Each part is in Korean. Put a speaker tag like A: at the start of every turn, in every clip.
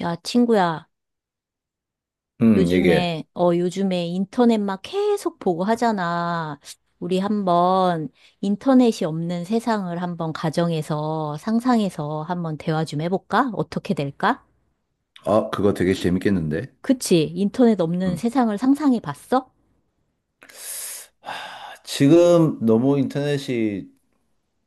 A: 야, 친구야,
B: 응, 얘기해.
A: 요즘에, 요즘에 인터넷 막 계속 보고 하잖아. 우리 한번 인터넷이 없는 세상을 한번 가정에서, 상상해서 한번 대화 좀 해볼까? 어떻게 될까?
B: 아, 그거 되게 재밌겠는데?
A: 그치? 인터넷 없는
B: 응.
A: 세상을 상상해 봤어?
B: 지금 너무 인터넷이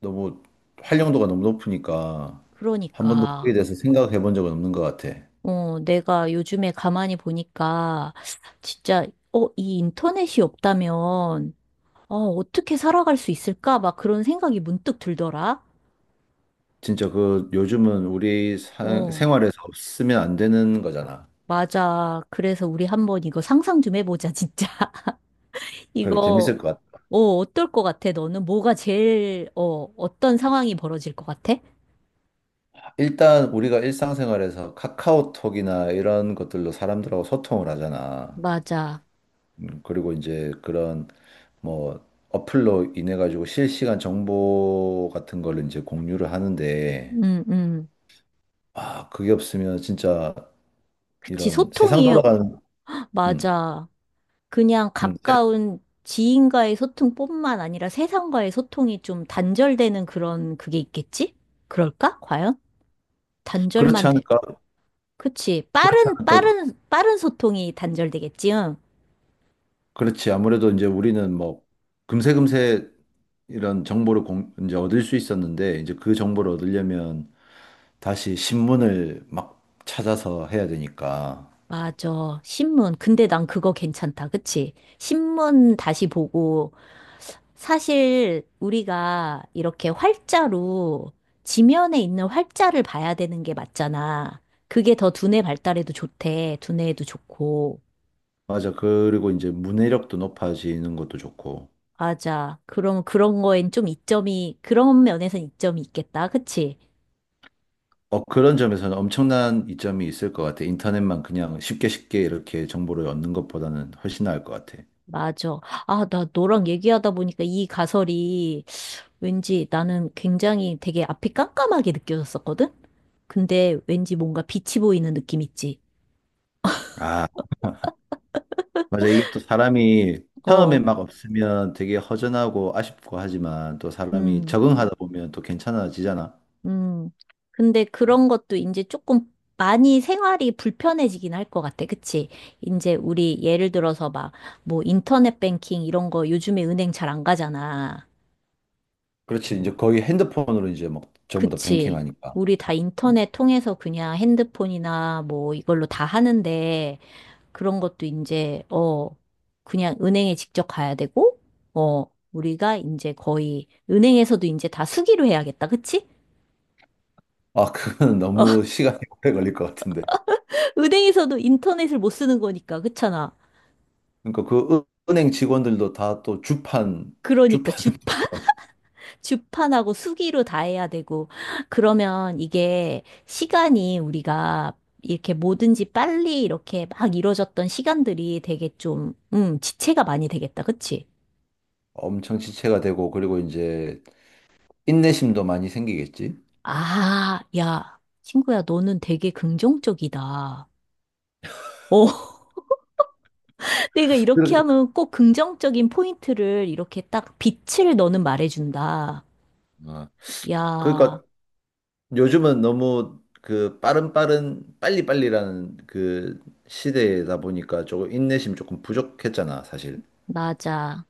B: 너무 활용도가 너무 높으니까 한 번도 거기에
A: 그러니까,
B: 대해서 생각해 본 적은 없는 것 같아.
A: 내가 요즘에 가만히 보니까, 진짜, 이 인터넷이 없다면, 어떻게 살아갈 수 있을까? 막 그런 생각이 문득 들더라.
B: 진짜 그 요즘은 우리
A: 어.
B: 생활에서 없으면 안 되는 거잖아.
A: 맞아. 그래서 우리 한번 이거 상상 좀 해보자, 진짜.
B: 그래,
A: 이거,
B: 재밌을 것 같아.
A: 어떨 것 같아, 너는? 뭐가 제일, 어떤 상황이 벌어질 것 같아?
B: 일단 우리가 일상생활에서 카카오톡이나 이런 것들로 사람들하고 소통을 하잖아.
A: 맞아.
B: 그리고 이제 그런 뭐 어플로 인해 가지고 실시간 정보 같은 걸 이제 공유를 하는데
A: 음, 음.
B: 그게 없으면 진짜
A: 그치,
B: 이런 세상
A: 소통이,
B: 돌아가는. 음,
A: 맞아. 그냥
B: 음, 세-
A: 가까운 지인과의 소통뿐만 아니라 세상과의 소통이 좀 단절되는 그런 그게 있겠지? 그럴까? 과연?
B: 그렇지
A: 단절만 돼.
B: 않을까.
A: 그치.
B: 그렇지
A: 빠른,
B: 않을까.
A: 빠른, 빠른 소통이 단절되겠지? 응?
B: 그렇지, 아무래도 이제 우리는 뭐 금세금세 이런 정보를 이제 얻을 수 있었는데 이제 그 정보를 얻으려면 다시 신문을 막 찾아서 해야 되니까.
A: 맞아. 신문. 근데 난 그거 괜찮다. 그치? 신문 다시 보고, 사실 우리가 이렇게 활자로, 지면에 있는 활자를 봐야 되는 게 맞잖아. 그게 더 두뇌 발달에도 좋대. 두뇌에도 좋고.
B: 맞아, 그리고 이제 문해력도 높아지는 것도 좋고.
A: 맞아. 그럼 그런 거엔 좀 이점이, 그런 면에선 이점이 있겠다. 그치?
B: 그런 점에서는 엄청난 이점이 있을 것 같아. 인터넷만 그냥 쉽게 쉽게 이렇게 정보를 얻는 것보다는 훨씬 나을 것 같아.
A: 맞아. 아, 나 너랑 얘기하다 보니까 이 가설이 왠지 나는 굉장히 되게 앞이 깜깜하게 느껴졌었거든? 근데 왠지 뭔가 빛이 보이는 느낌 있지.
B: 아, 맞아. 이게 또 사람이 처음에
A: 어,
B: 막 없으면 되게 허전하고 아쉽고 하지만 또 사람이
A: 음,
B: 적응하다 보면 또 괜찮아지잖아.
A: 음. 근데 그런 것도 이제 조금 많이 생활이 불편해지긴 할 것 같아. 그치? 이제 우리 예를 들어서 막 뭐 인터넷 뱅킹 이런 거 요즘에 은행 잘 안 가잖아.
B: 그렇지. 이제 거의 핸드폰으로 이제 막 전부 다
A: 그치?
B: 뱅킹하니까.
A: 우리 다 인터넷 통해서 그냥 핸드폰이나 뭐 이걸로 다 하는데 그런 것도 이제, 그냥 은행에 직접 가야 되고, 어, 우리가 이제 거의, 은행에서도 이제 다 수기로 해야겠다. 그치?
B: 아, 그건
A: 어,
B: 너무 시간이 오래 걸릴 것 같은데.
A: 은행에서도 인터넷을 못 쓰는 거니까, 그렇잖아.
B: 그러니까 은행 직원들도 다 또 주판,
A: 그러니까
B: 주판
A: 주판, 주판하고 수기로 다 해야 되고, 그러면 이게 시간이 우리가 이렇게 뭐든지 빨리 이렇게 막 이뤄졌던 시간들이 되게 좀, 지체가 많이 되겠다. 그치?
B: 엄청 지체가 되고 그리고 이제 인내심도 많이 생기겠지.
A: 아, 야, 친구야, 너는 되게 긍정적이다. 어, 내가 이렇게
B: 그-
A: 하면 꼭 긍정적인 포인트를 이렇게 딱 빛을 너는 말해준다.
B: 어, 그러니까
A: 야,
B: 요즘은 너무 그 빠른 빠른 빨리빨리라는 그 시대다 보니까 조금 인내심 조금 부족했잖아, 사실.
A: 맞아.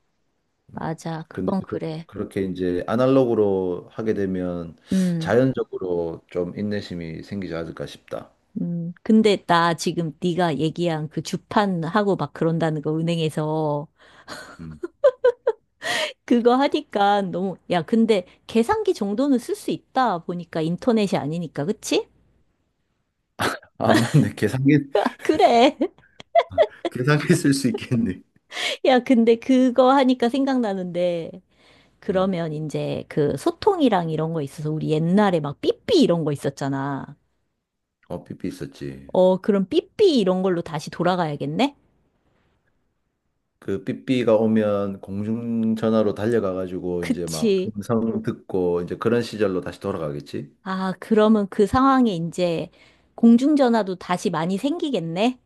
A: 맞아.
B: 근데
A: 그건
B: 그,
A: 그래.
B: 그렇게 이제 아날로그로 하게 되면
A: 음,
B: 자연적으로 좀 인내심이 생기지 않을까 싶다.
A: 근데 나 지금 네가 얘기한 그 주판하고 막 그런다는 거 은행에서
B: 음.
A: 그거 하니까 너무, 야, 근데 계산기 정도는 쓸 수 있다. 보니까 인터넷이 아니니까. 그치?
B: 아, 맞네. 계산기,
A: 그래.
B: 계산기 쓸 수 있겠네.
A: 야, 근데 그거 하니까 생각나는데.
B: 음.
A: 그러면 이제 그 소통이랑 이런 거 있어서 우리 옛날에 막 삐삐 이런 거 있었잖아.
B: 어, 삐삐 있었지.
A: 어, 그럼 삐삐 이런 걸로 다시 돌아가야겠네?
B: 그 삐삐가 오면 공중전화로 달려가가지고 이제 막
A: 그치.
B: 음성 듣고 이제 그런 시절로 다시 돌아가겠지?
A: 아, 그러면 그 상황에 이제 공중전화도 다시 많이 생기겠네?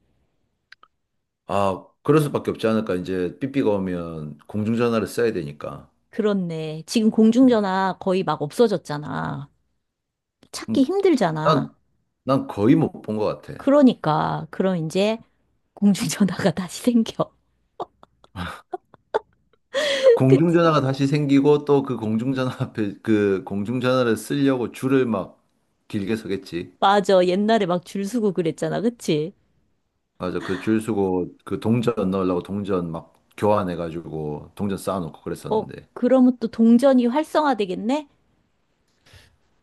B: 아, 그럴 수밖에 없지 않을까? 이제 삐삐가 오면 공중전화를 써야 되니까.
A: 그렇네. 지금 공중전화 거의 막 없어졌잖아. 찾기
B: 음,
A: 힘들잖아.
B: 난, 난 거의 못 본 것 같아.
A: 그러니까, 그럼 이제 공중전화가 다시 생겨. 그치?
B: 공중전화가 다시 생기고 또 그 공중전화 앞에 그 공중전화를 쓰려고 줄을 막 길게 서겠지.
A: 맞아. 옛날에 막 줄 서고 그랬잖아. 그치?
B: 맞아. 그 줄 서고 그 동전 넣으려고 동전 막 교환해가지고 동전 쌓아놓고
A: 어,
B: 그랬었는데.
A: 그러면 또 동전이 활성화되겠네?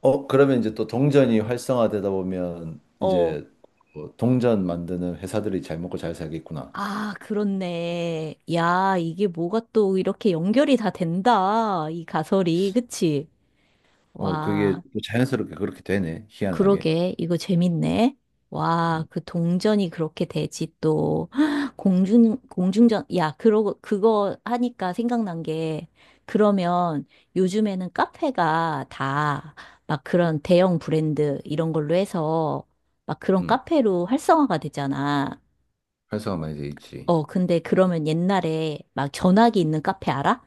B: 어, 그러면 이제 또 동전이 활성화되다 보면
A: 어.
B: 이제 뭐 동전 만드는 회사들이 잘 먹고 잘 살겠구나.
A: 아, 그렇네. 야, 이게 뭐가 또 이렇게 연결이 다 된다. 이 가설이. 그치?
B: 어, 그게
A: 와,
B: 또 자연스럽게 그렇게 되네. 희한하게.
A: 그러게. 이거 재밌네. 와,
B: 음,
A: 그 동전이 그렇게 되지 또. 공중, 공중전. 야, 그러고, 그거 하니까 생각난 게, 그러면 요즘에는 카페가 다 막 그런 대형 브랜드 이런 걸로 해서 막 그런
B: 음.
A: 카페로 활성화가 되잖아.
B: 활성화 많이 돼 있지.
A: 어, 근데 그러면 옛날에 막 전화기 있는 카페 알아?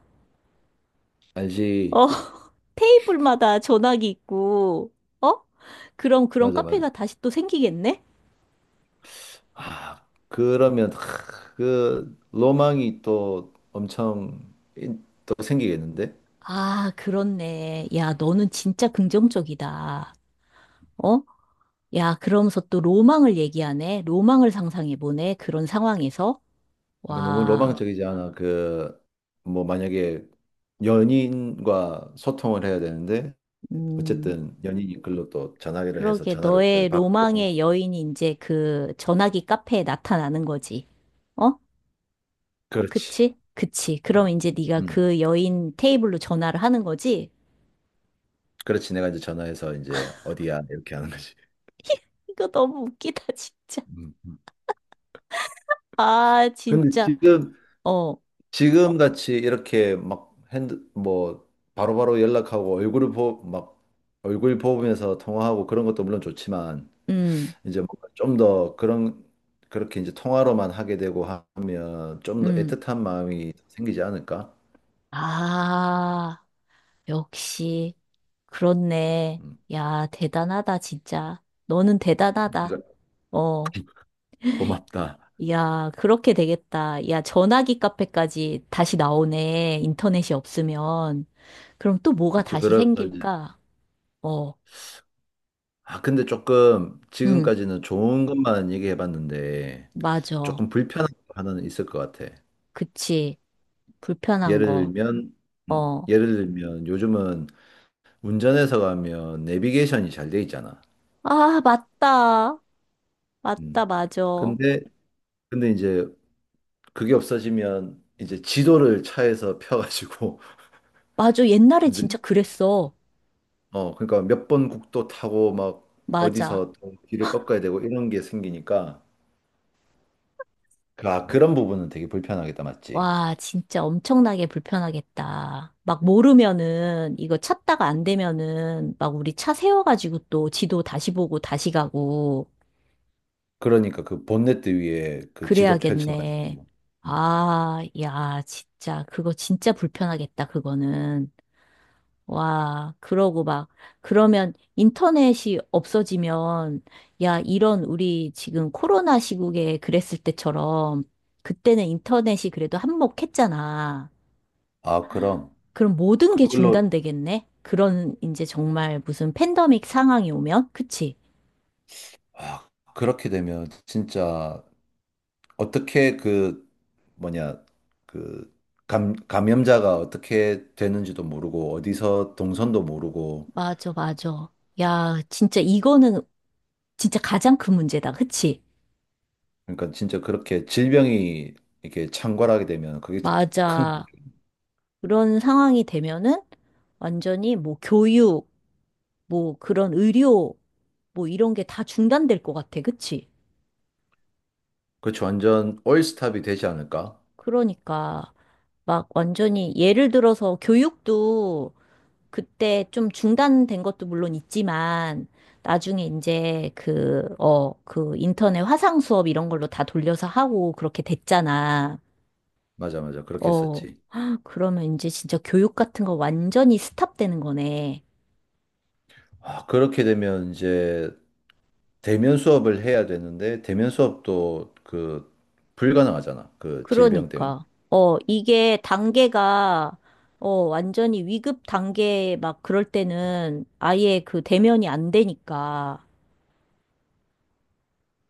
B: 알지.
A: 어, 테이블마다 전화기 있고, 어? 그럼 그런
B: 맞아, 맞아.
A: 카페가 다시 또 생기겠네?
B: 아, 그러면 그 로망이 또 엄청 또 생기겠는데?
A: 아, 그렇네. 야, 너는 진짜 긍정적이다. 어? 야, 그러면서 또 로망을 얘기하네. 로망을 상상해보네. 그런 상황에서.
B: 이거 너무
A: 와,
B: 로망적이지 않아. 뭐, 만약에 연인과 소통을 해야 되는데,
A: 음,
B: 어쨌든 연인이 글로 또 전화기를 해서
A: 그러게.
B: 전화를
A: 너의
B: 받고.
A: 로망의 여인이 이제 그 전화기 카페에 나타나는 거지. 어?
B: 그렇지.
A: 그치? 그치. 그럼
B: 음.
A: 이제 네가
B: 음.
A: 그 여인 테이블로 전화를 하는 거지?
B: 그렇지. 내가 이제 전화해서 이제 어디야? 이렇게 하는 거지.
A: 이거 너무 웃기다, 진짜.
B: 음. 음.
A: 아,
B: 근데
A: 진짜. 어,
B: 지금 같이 이렇게 막 뭐, 바로바로 연락하고 막, 얼굴 보면서 통화하고 그런 것도 물론 좋지만,
A: 음,
B: 이제 좀 더 그런, 그렇게 이제 통화로만 하게 되고 하면 좀 더
A: 음.
B: 애틋한 마음이 생기지 않을까?
A: 아, 역시. 그렇네.
B: 음,
A: 야, 대단하다, 진짜. 너는 대단하다.
B: 그러니까
A: 어,
B: 고맙다.
A: 야, 그렇게 되겠다. 야, 전화기 카페까지 다시 나오네. 인터넷이 없으면. 그럼 또 뭐가
B: 그렇지.
A: 다시
B: 그래서 이제,
A: 생길까? 어,
B: 근데 조금
A: 응,
B: 지금까지는 좋은 것만 얘기해 봤는데
A: 맞아.
B: 조금 불편한 거 하나는 있을 것 같아.
A: 그치. 불편한
B: 예를
A: 거.
B: 들면
A: 어.
B: 예를 들면 요즘은 운전해서 가면 내비게이션이 잘 돼 있잖아.
A: 아, 맞다. 맞다,
B: 음.
A: 맞아.
B: 근데 근데 이제 그게 없어지면 이제 지도를 차에서 펴가지고
A: 맞아. 옛날에
B: 이제,
A: 진짜 그랬어.
B: 그러니까 몇 번 국도 타고 막
A: 맞아.
B: 어디서 또 길을 꺾어야 되고 이런 게 생기니까, 그런 부분은 되게 불편하겠다, 맞지?
A: 와, 진짜 엄청나게 불편하겠다. 막 모르면은, 이거 찾다가 안 되면은, 막 우리 차 세워가지고 또 지도 다시 보고 다시 가고,
B: 그러니까 그 본네트 위에 그 지도 펼쳐가지고
A: 그래야겠네.
B: 뭐. 음.
A: 아, 야, 진짜. 그거 진짜 불편하겠다, 그거는. 와, 그러고 막, 그러면 인터넷이 없어지면, 야, 이런 우리 지금 코로나 시국에 그랬을 때처럼, 그때는 인터넷이 그래도 한몫했잖아.
B: 아, 그럼
A: 그럼 모든 게
B: 그걸로
A: 중단되겠네? 그런 이제 정말 무슨 팬데믹 상황이 오면? 그치?
B: 아, 그렇게 되면 진짜 어떻게 그 뭐냐, 그 감염자가 어떻게 되는지도 모르고 어디서 동선도 모르고.
A: 맞아, 맞아. 야, 진짜 이거는 진짜 가장 큰 문제다. 그치?
B: 그러니까 진짜 그렇게 질병이 이렇게 창궐하게 되면 그게
A: 맞아. 그런 상황이 되면은 완전히 뭐 교육, 뭐 그런 의료 뭐 이런 게 다 중단될 것 같아. 그치?
B: 그렇지, 완전 올스탑이 되지 않을까?
A: 그러니까 막 완전히 예를 들어서 교육도 그때 좀 중단된 것도 물론 있지만 나중에 이제 그, 그 인터넷 화상 수업 이런 걸로 다 돌려서 하고 그렇게 됐잖아.
B: 맞아, 맞아. 그렇게
A: 어,
B: 했었지.
A: 헉, 그러면 이제 진짜 교육 같은 거 완전히 스탑되는 거네.
B: 아, 그렇게 되면 이제 대면 수업을 해야 되는데, 대면 수업도 그 불가능하잖아. 그 질병 때문에.
A: 그러니까, 이게 단계가, 완전히 위급 단계 막 그럴 때는 아예 그 대면이 안 되니까.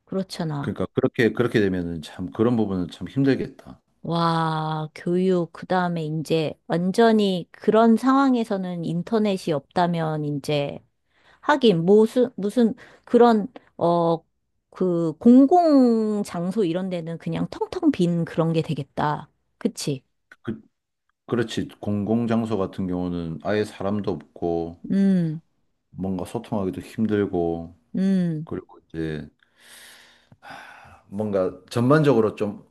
A: 그렇잖아.
B: 그러니까 그렇게 되면은 참 그런 부분은 참 힘들겠다.
A: 와, 교육, 그 다음에 이제 완전히 그런 상황에서는 인터넷이 없다면 이제 하긴 무슨, 무슨 그런, 어, 그 공공 장소 이런 데는 그냥 텅텅 빈 그런 게 되겠다. 그치?
B: 그, 그렇지. 공공장소 같은 경우는 아예 사람도 없고,
A: 음,
B: 뭔가 소통하기도 힘들고,
A: 음.
B: 그리고 이제 뭔가 전반적으로 좀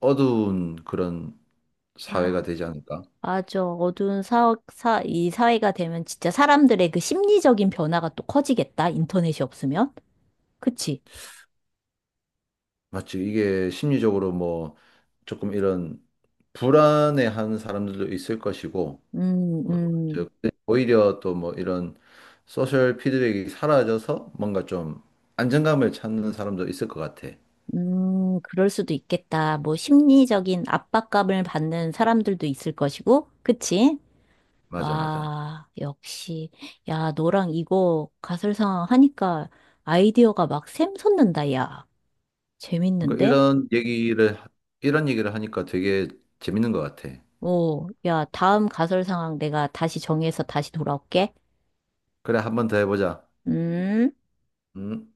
B: 어두운 그런
A: 아,
B: 사회가 되지 않을까?
A: 맞아. 어두운 사, 사, 이 사회가 되면 진짜 사람들의 그 심리적인 변화가 또 커지겠다. 인터넷이 없으면. 그치?
B: 맞지. 이게 심리적으로 뭐 조금 이런 불안해하는 사람들도 있을 것이고,
A: 음,
B: 어,
A: 음,
B: 저- 오히려 또 뭐 이런 소셜 피드백이 사라져서 뭔가 좀 안정감을 찾는 사람도 있을 것 같아.
A: 그럴 수도 있겠다. 뭐, 심리적인 압박감을 받는 사람들도 있을 것이고. 그치?
B: 맞아, 맞아.
A: 와, 역시. 야, 너랑 이거 가설상황 하니까 아이디어가 막 샘솟는다, 야.
B: 그러니까
A: 재밌는데?
B: 이런 얘기를 하니까 되게 재밌는 것 같아.
A: 오, 야, 다음 가설상황 내가 다시 정해서 다시 돌아올게.
B: 그래, 한 번 더 해보자.
A: 음.
B: 음.